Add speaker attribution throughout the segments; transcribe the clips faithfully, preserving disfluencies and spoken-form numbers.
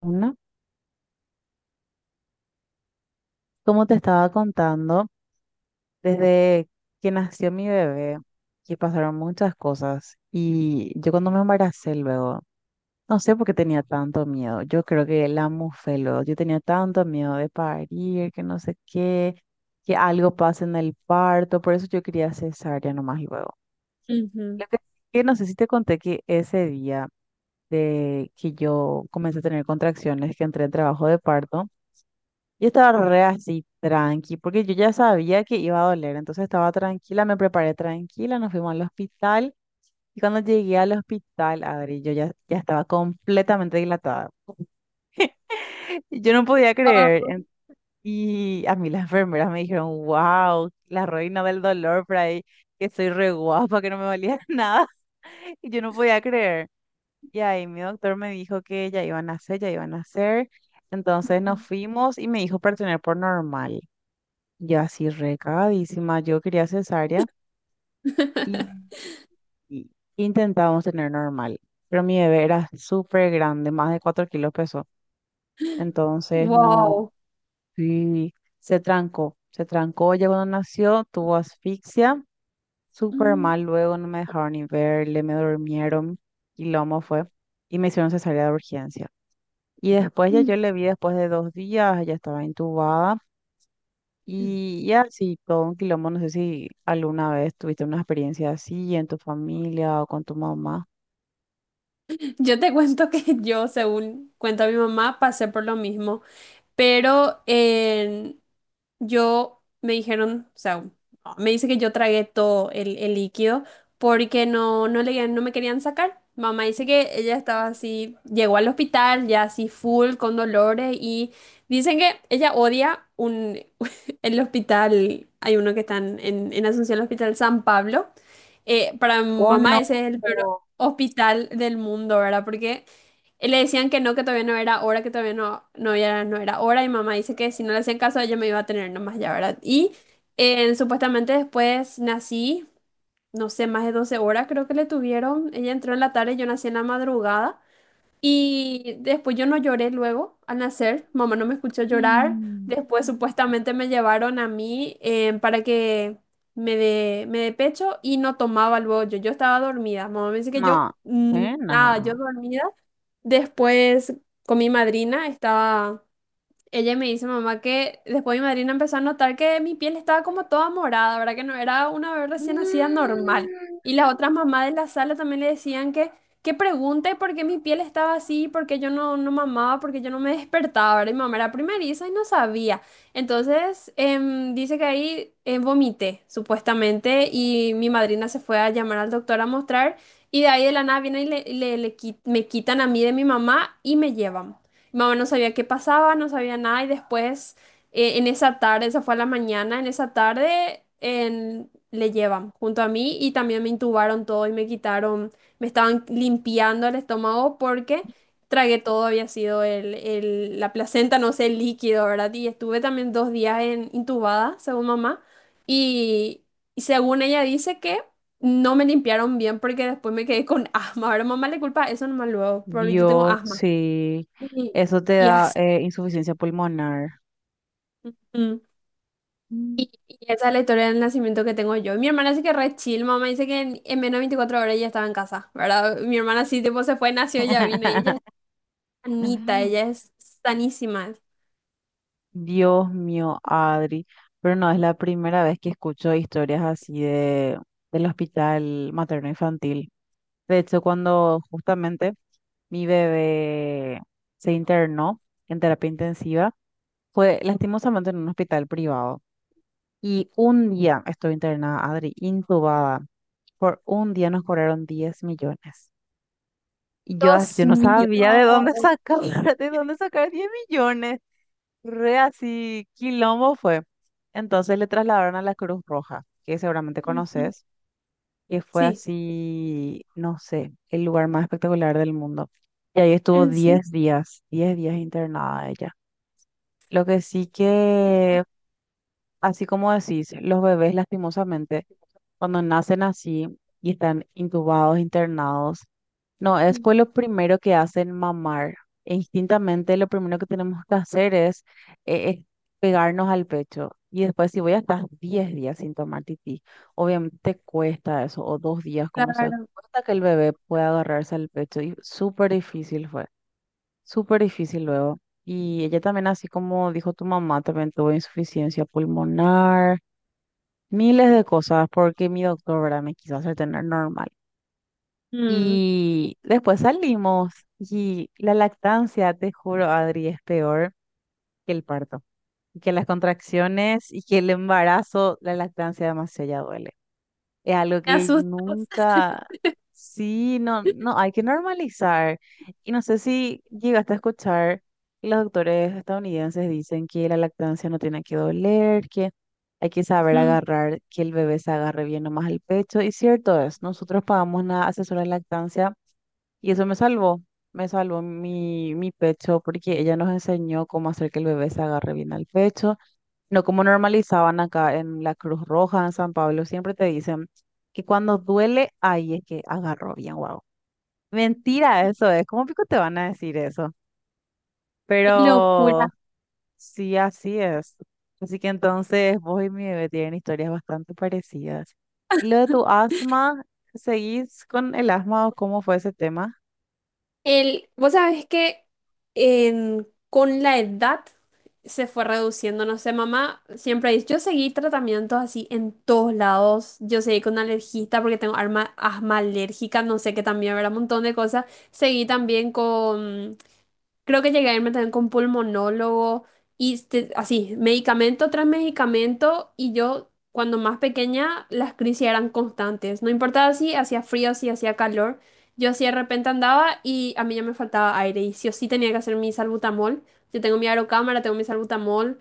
Speaker 1: Una, como te estaba contando, desde que nació mi bebé, que pasaron muchas cosas y yo cuando me embaracé luego, no sé por qué tenía tanto miedo, yo creo que la mufé luego, yo tenía tanto miedo de parir, que no sé qué, que algo pase en el parto, por eso yo quería cesárea nomás luego.
Speaker 2: Ujú.
Speaker 1: Lo que, que no sé si te conté que ese día de que yo comencé a tener contracciones, que entré en trabajo de parto. Yo estaba re así, tranqui, porque yo ya sabía que iba a doler, entonces estaba tranquila, me preparé tranquila, nos fuimos al hospital y cuando llegué al hospital, Adri, yo ya, ya estaba completamente dilatada. Y yo no podía
Speaker 2: Ah,
Speaker 1: creer en- Y a mí las enfermeras me dijeron, wow, la reina del dolor por ahí, que soy re guapa, que no me valía nada, y yo no podía creer. Y ahí mi doctor me dijo que ya iban a hacer, ya iban a hacer, entonces nos
Speaker 2: ujú.
Speaker 1: fuimos y me dijo para tener por normal. Y así recagadísima, yo quería cesárea y, y intentábamos tener normal, pero mi bebé era súper grande, más de cuatro kilos pesó, entonces no,
Speaker 2: Wow.
Speaker 1: sí, se trancó, se trancó ya cuando nació, tuvo asfixia, súper
Speaker 2: Mm,
Speaker 1: mal, luego no me dejaron ni verle, me durmieron y lomo fue, y me hicieron cesárea de urgencia. Y después ya
Speaker 2: mm.
Speaker 1: yo le vi después de dos días, ella estaba intubada. Y, y así, todo un quilombo, no sé si alguna vez tuviste una experiencia así en tu familia o con tu mamá.
Speaker 2: Yo te cuento que yo, según cuenta mi mamá, pasé por lo mismo, pero Yo me dijeron, o sea, me dice que yo tragué todo el, el líquido porque no, no le, no me querían sacar. Mamá dice que ella estaba así, llegó al hospital ya así full con dolores y dicen que ella odia un, el hospital. Hay uno que está en, en en Asunción, el Hospital San Pablo. Eh, para mamá ese es el
Speaker 1: Conozco.
Speaker 2: peor hospital del mundo, ¿verdad? Porque y Le decían que no, que todavía no era hora, que todavía no, no era, no era hora. Y mamá dice que si no le hacían caso, ella me iba a tener nomás ya, ¿verdad? Y eh, supuestamente después nací, no sé, más de doce horas creo que le tuvieron. Ella entró en la tarde, yo nací en la madrugada. Y después yo no lloré luego al nacer. Mamá no me escuchó llorar.
Speaker 1: Mm.
Speaker 2: Después supuestamente me llevaron a mí, eh, para que me dé me dé pecho, y no tomaba luego yo. Yo estaba dormida. Mamá me dice que yo,
Speaker 1: No,
Speaker 2: mm,
Speaker 1: eh,
Speaker 2: nada, yo
Speaker 1: no.
Speaker 2: dormida. Después con mi madrina estaba, ella me dice, mamá, que después mi madrina empezó a notar que mi piel estaba como toda morada, ¿verdad? Que no era una vez recién nacida
Speaker 1: Mm.
Speaker 2: normal. Y las otras mamás de la sala también le decían que, que pregunte por qué mi piel estaba así, por qué yo no, no mamaba, por qué yo no me despertaba, ¿verdad? Y mi mamá era primeriza y no sabía. Entonces, em, dice que ahí, eh, vomité, supuestamente, y mi madrina se fue a llamar al doctor a mostrar, y de ahí de la nada vienen y le, le- le qui- me quitan a mí de mi mamá y me llevan. Mi mamá no sabía qué pasaba, no sabía nada, y después, eh, en esa tarde, esa fue a la mañana, en esa tarde en- le llevan junto a mí y también me intubaron todo y me quitaron, me estaban limpiando el estómago porque tragué todo. Había sido el, el- la placenta, no sé, el líquido, ¿verdad? Y estuve también dos días, en, intubada, según mamá. Y, y según ella dice que... No me limpiaron bien porque después me quedé con asma. Ahora mamá le culpa eso nomás luego, pero ahorita tengo
Speaker 1: Dios,
Speaker 2: asma.
Speaker 1: sí.
Speaker 2: Y,
Speaker 1: Eso te
Speaker 2: y
Speaker 1: da
Speaker 2: as-
Speaker 1: eh, insuficiencia pulmonar.
Speaker 2: mm.
Speaker 1: Mm.
Speaker 2: Y esa es la historia del nacimiento que tengo yo. Mi hermana sí que re chill, mamá dice que en, en menos de veinticuatro horas ella estaba en casa, ¿verdad? Mi hermana sí, tipo, se fue, nació, ya vino, y ella es sanita, ella es sanísima.
Speaker 1: Dios mío, Adri. Pero no es la primera vez que escucho historias así de, del hospital materno infantil. De hecho, cuando justamente mi bebé se internó en terapia intensiva. Fue lastimosamente en un hospital privado. Y un día estuve internada, Adri, intubada. Por un día nos cobraron diez millones. Y yo, as-
Speaker 2: Dios
Speaker 1: yo no
Speaker 2: mío.
Speaker 1: sabía de dónde sacar, de dónde sacar diez millones. Re así, quilombo fue. Entonces le trasladaron a la Cruz Roja, que seguramente
Speaker 2: Ujú.
Speaker 1: conoces. Que fue
Speaker 2: Sí,
Speaker 1: así, no sé, el lugar más espectacular del mundo. Y ahí estuvo
Speaker 2: en serio.
Speaker 1: diez días, diez días internada ella. Lo que sí que, así como decís, los bebés lastimosamente cuando nacen así y están intubados, internados, no, es pues lo primero que hacen mamar. E instintamente lo primero que tenemos que hacer es, eh, es pegarnos al pecho. Y después si voy a estar diez días sin tomar tití, obviamente te cuesta eso, o dos días, como sea,
Speaker 2: Claro.
Speaker 1: cuesta que el bebé pueda agarrarse al pecho. Y súper difícil fue, súper difícil luego. Y ella también, así como dijo tu mamá, también tuvo insuficiencia pulmonar, miles de cosas porque mi doctor, ¿verdad? Me quiso hacer tener normal.
Speaker 2: Mm.
Speaker 1: Y después salimos y la lactancia, te juro, Adri, es peor que el parto, que las contracciones y que el embarazo, la lactancia demasiado ya duele. Es algo
Speaker 2: Me
Speaker 1: que
Speaker 2: asustó.
Speaker 1: nunca, sí, no, no, hay que normalizar. Y no sé si llegaste a escuchar que los doctores estadounidenses dicen que la lactancia no tiene que doler, que hay que saber
Speaker 2: Ujú.
Speaker 1: agarrar, que el bebé se agarre bien nomás al pecho. Y cierto es, nosotros pagamos una asesora de lactancia y eso me salvó, me salvó mi, mi pecho porque ella nos enseñó cómo hacer que el bebé se agarre bien al pecho. No como normalizaban acá en la Cruz Roja, en San Pablo, siempre te dicen que cuando duele, ahí es que agarró bien, wow. Mentira, eso es. ¿Cómo pico te van a decir eso?
Speaker 2: Qué
Speaker 1: Pero
Speaker 2: locura.
Speaker 1: sí, así es. Así que entonces vos y mi bebé tienen historias bastante parecidas. ¿Y lo de tu asma? ¿Seguís con el asma o cómo fue ese tema?
Speaker 2: El, vos sabés que en- con la edad se fue reduciendo, no sé, mamá siempre dice. Yo seguí tratamientos así en todos lados, yo seguí con alergista porque tengo arma- asma alérgica, no sé, que también habrá un montón de cosas. Seguí también con creo que llegué a irme también con pulmonólogo, y este- así, medicamento tras medicamento, y yo cuando más pequeña las crisis eran constantes. No importaba si hacía frío, si hacía calor, yo así de repente andaba y a mí ya me faltaba aire y sí o sí tenía que hacer mi salbutamol. Yo tengo mi aerocámara, tengo mi salbutamol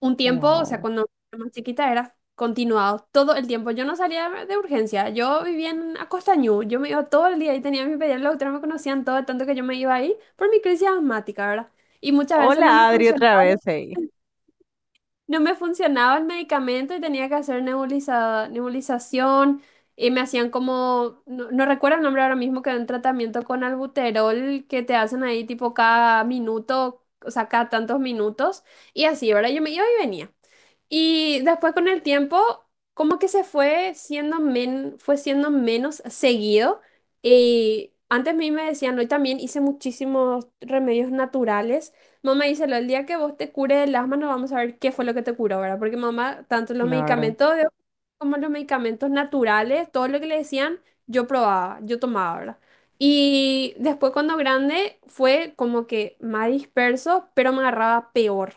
Speaker 2: un tiempo, o sea,
Speaker 1: Wow.
Speaker 2: cuando era más chiquita era continuado todo el tiempo. Yo no salía de urgencia, yo vivía en Acostañú, yo me iba todo el día y tenía a mi pediatra, los doctora me conocían todo, tanto que yo me iba ahí por mi crisis asmática, ¿verdad? Y muchas veces no me
Speaker 1: Hola, Adri,
Speaker 2: funcionaba,
Speaker 1: otra vez, hey.
Speaker 2: no me funcionaba el medicamento y tenía que hacer nebuliza- nebulización, y me hacían como, no, no recuerdo el nombre ahora mismo, que era un tratamiento con albuterol que te hacen ahí tipo cada minuto, o sea, cada tantos minutos y así, ¿verdad? Yo me iba y venía. Y después con el tiempo, como que se fue siendo, men- fue siendo menos seguido. Y antes a mí me decían, hoy también hice muchísimos remedios naturales. Mamá dice, el día que vos te cures el asma, no vamos a ver qué fue lo que te curó, ¿verdad? Porque mamá, tanto los
Speaker 1: Claro.
Speaker 2: medicamentos de- como los medicamentos naturales, todo lo que le decían, yo probaba, yo tomaba, ¿verdad? Y después cuando grande fue como que más disperso, pero me agarraba peor.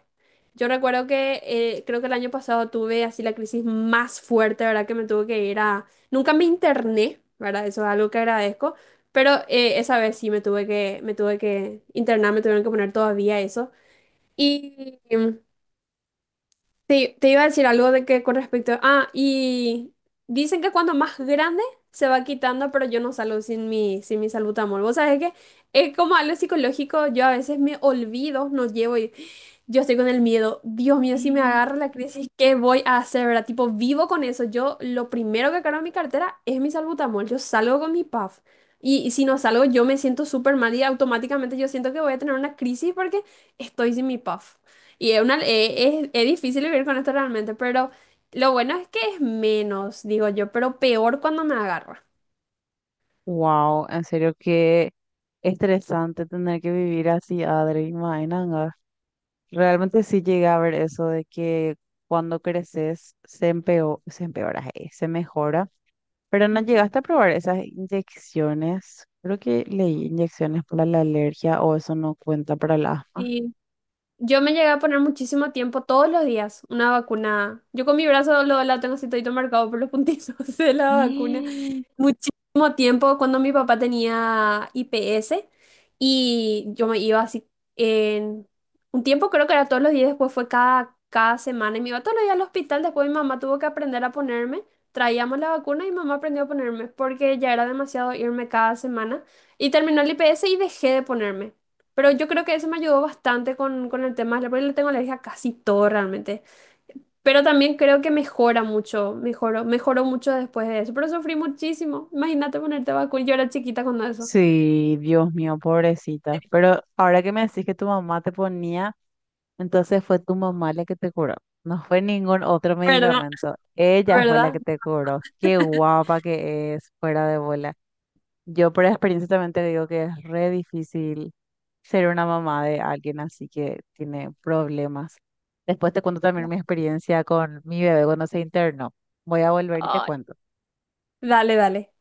Speaker 2: Yo recuerdo que, eh, creo que el año pasado tuve así la crisis más fuerte, ¿verdad? Que me tuve que ir a... Nunca me interné, ¿verdad? Eso es algo que agradezco, pero eh, esa vez sí me tuve que, me tuve que internar, me tuvieron que poner todavía eso. Y mm, te, te iba a decir algo de que con respecto... Ah, y dicen que cuando más grande se va quitando, pero yo no salgo sin mi, sin mi salbutamol. Vos sabés que es como algo psicológico, yo a veces me olvido, no llevo... Yo estoy con el miedo. Dios mío, si me agarra la crisis, ¿qué voy a hacer, verdad? Tipo, vivo con eso. Yo lo primero que cargo en mi cartera es mi salbutamol. Yo salgo con mi puff. Y, y si no salgo, yo me siento súper mal y automáticamente yo siento que voy a tener una crisis porque estoy sin mi puff. Y es, una, eh, es, es difícil vivir con esto realmente, pero lo bueno es que es menos, digo yo, pero peor cuando me agarra.
Speaker 1: Wow, en serio qué estresante tener que vivir así, Adri, imagínate. Realmente sí llegué a ver eso de que cuando creces se empeo- se empeora, eh, se mejora, pero no
Speaker 2: Ujú.
Speaker 1: llegaste a probar esas inyecciones. Creo que leí inyecciones para la alergia, o eso no cuenta para el asma.
Speaker 2: Sí, Yo me llegué a poner muchísimo tiempo todos los días una vacuna. Yo con mi brazo, lo, la tengo así todito marcado por los puntitos de la vacuna
Speaker 1: Mm.
Speaker 2: muchísimo tiempo cuando mi papá tenía I P S, y yo me iba así en un tiempo, creo que era todos los días, después fue cada, cada semana y me iba todos los días al hospital. Después mi mamá tuvo que aprender a ponerme, traíamos la vacuna y mamá aprendió a ponerme porque ya era demasiado irme cada semana, y terminó el I P S y dejé de ponerme. Pero yo creo que eso me ayudó bastante con, con, el tema de la, porque le tengo alergia a casi todo realmente. Pero también creo que mejora mucho, mejoró, mejoró mucho después de eso. Pero sufrí muchísimo. Imagínate ponerte vacuna. Yo era chiquita cuando eso.
Speaker 1: Sí, Dios mío, pobrecita. Pero ahora que me decís que tu mamá te ponía, entonces fue tu mamá la que te curó. No fue ningún otro
Speaker 2: ¿Verdad?
Speaker 1: medicamento. Ella fue la
Speaker 2: ¿Verdad?
Speaker 1: que te curó. Qué guapa que es, fuera de bola. Yo por experiencia también te digo que es re difícil ser una mamá de alguien así que tiene problemas. Después te cuento también mi experiencia con mi bebé cuando se internó. Voy a volver y te
Speaker 2: Ay,
Speaker 1: cuento.
Speaker 2: dale, dale.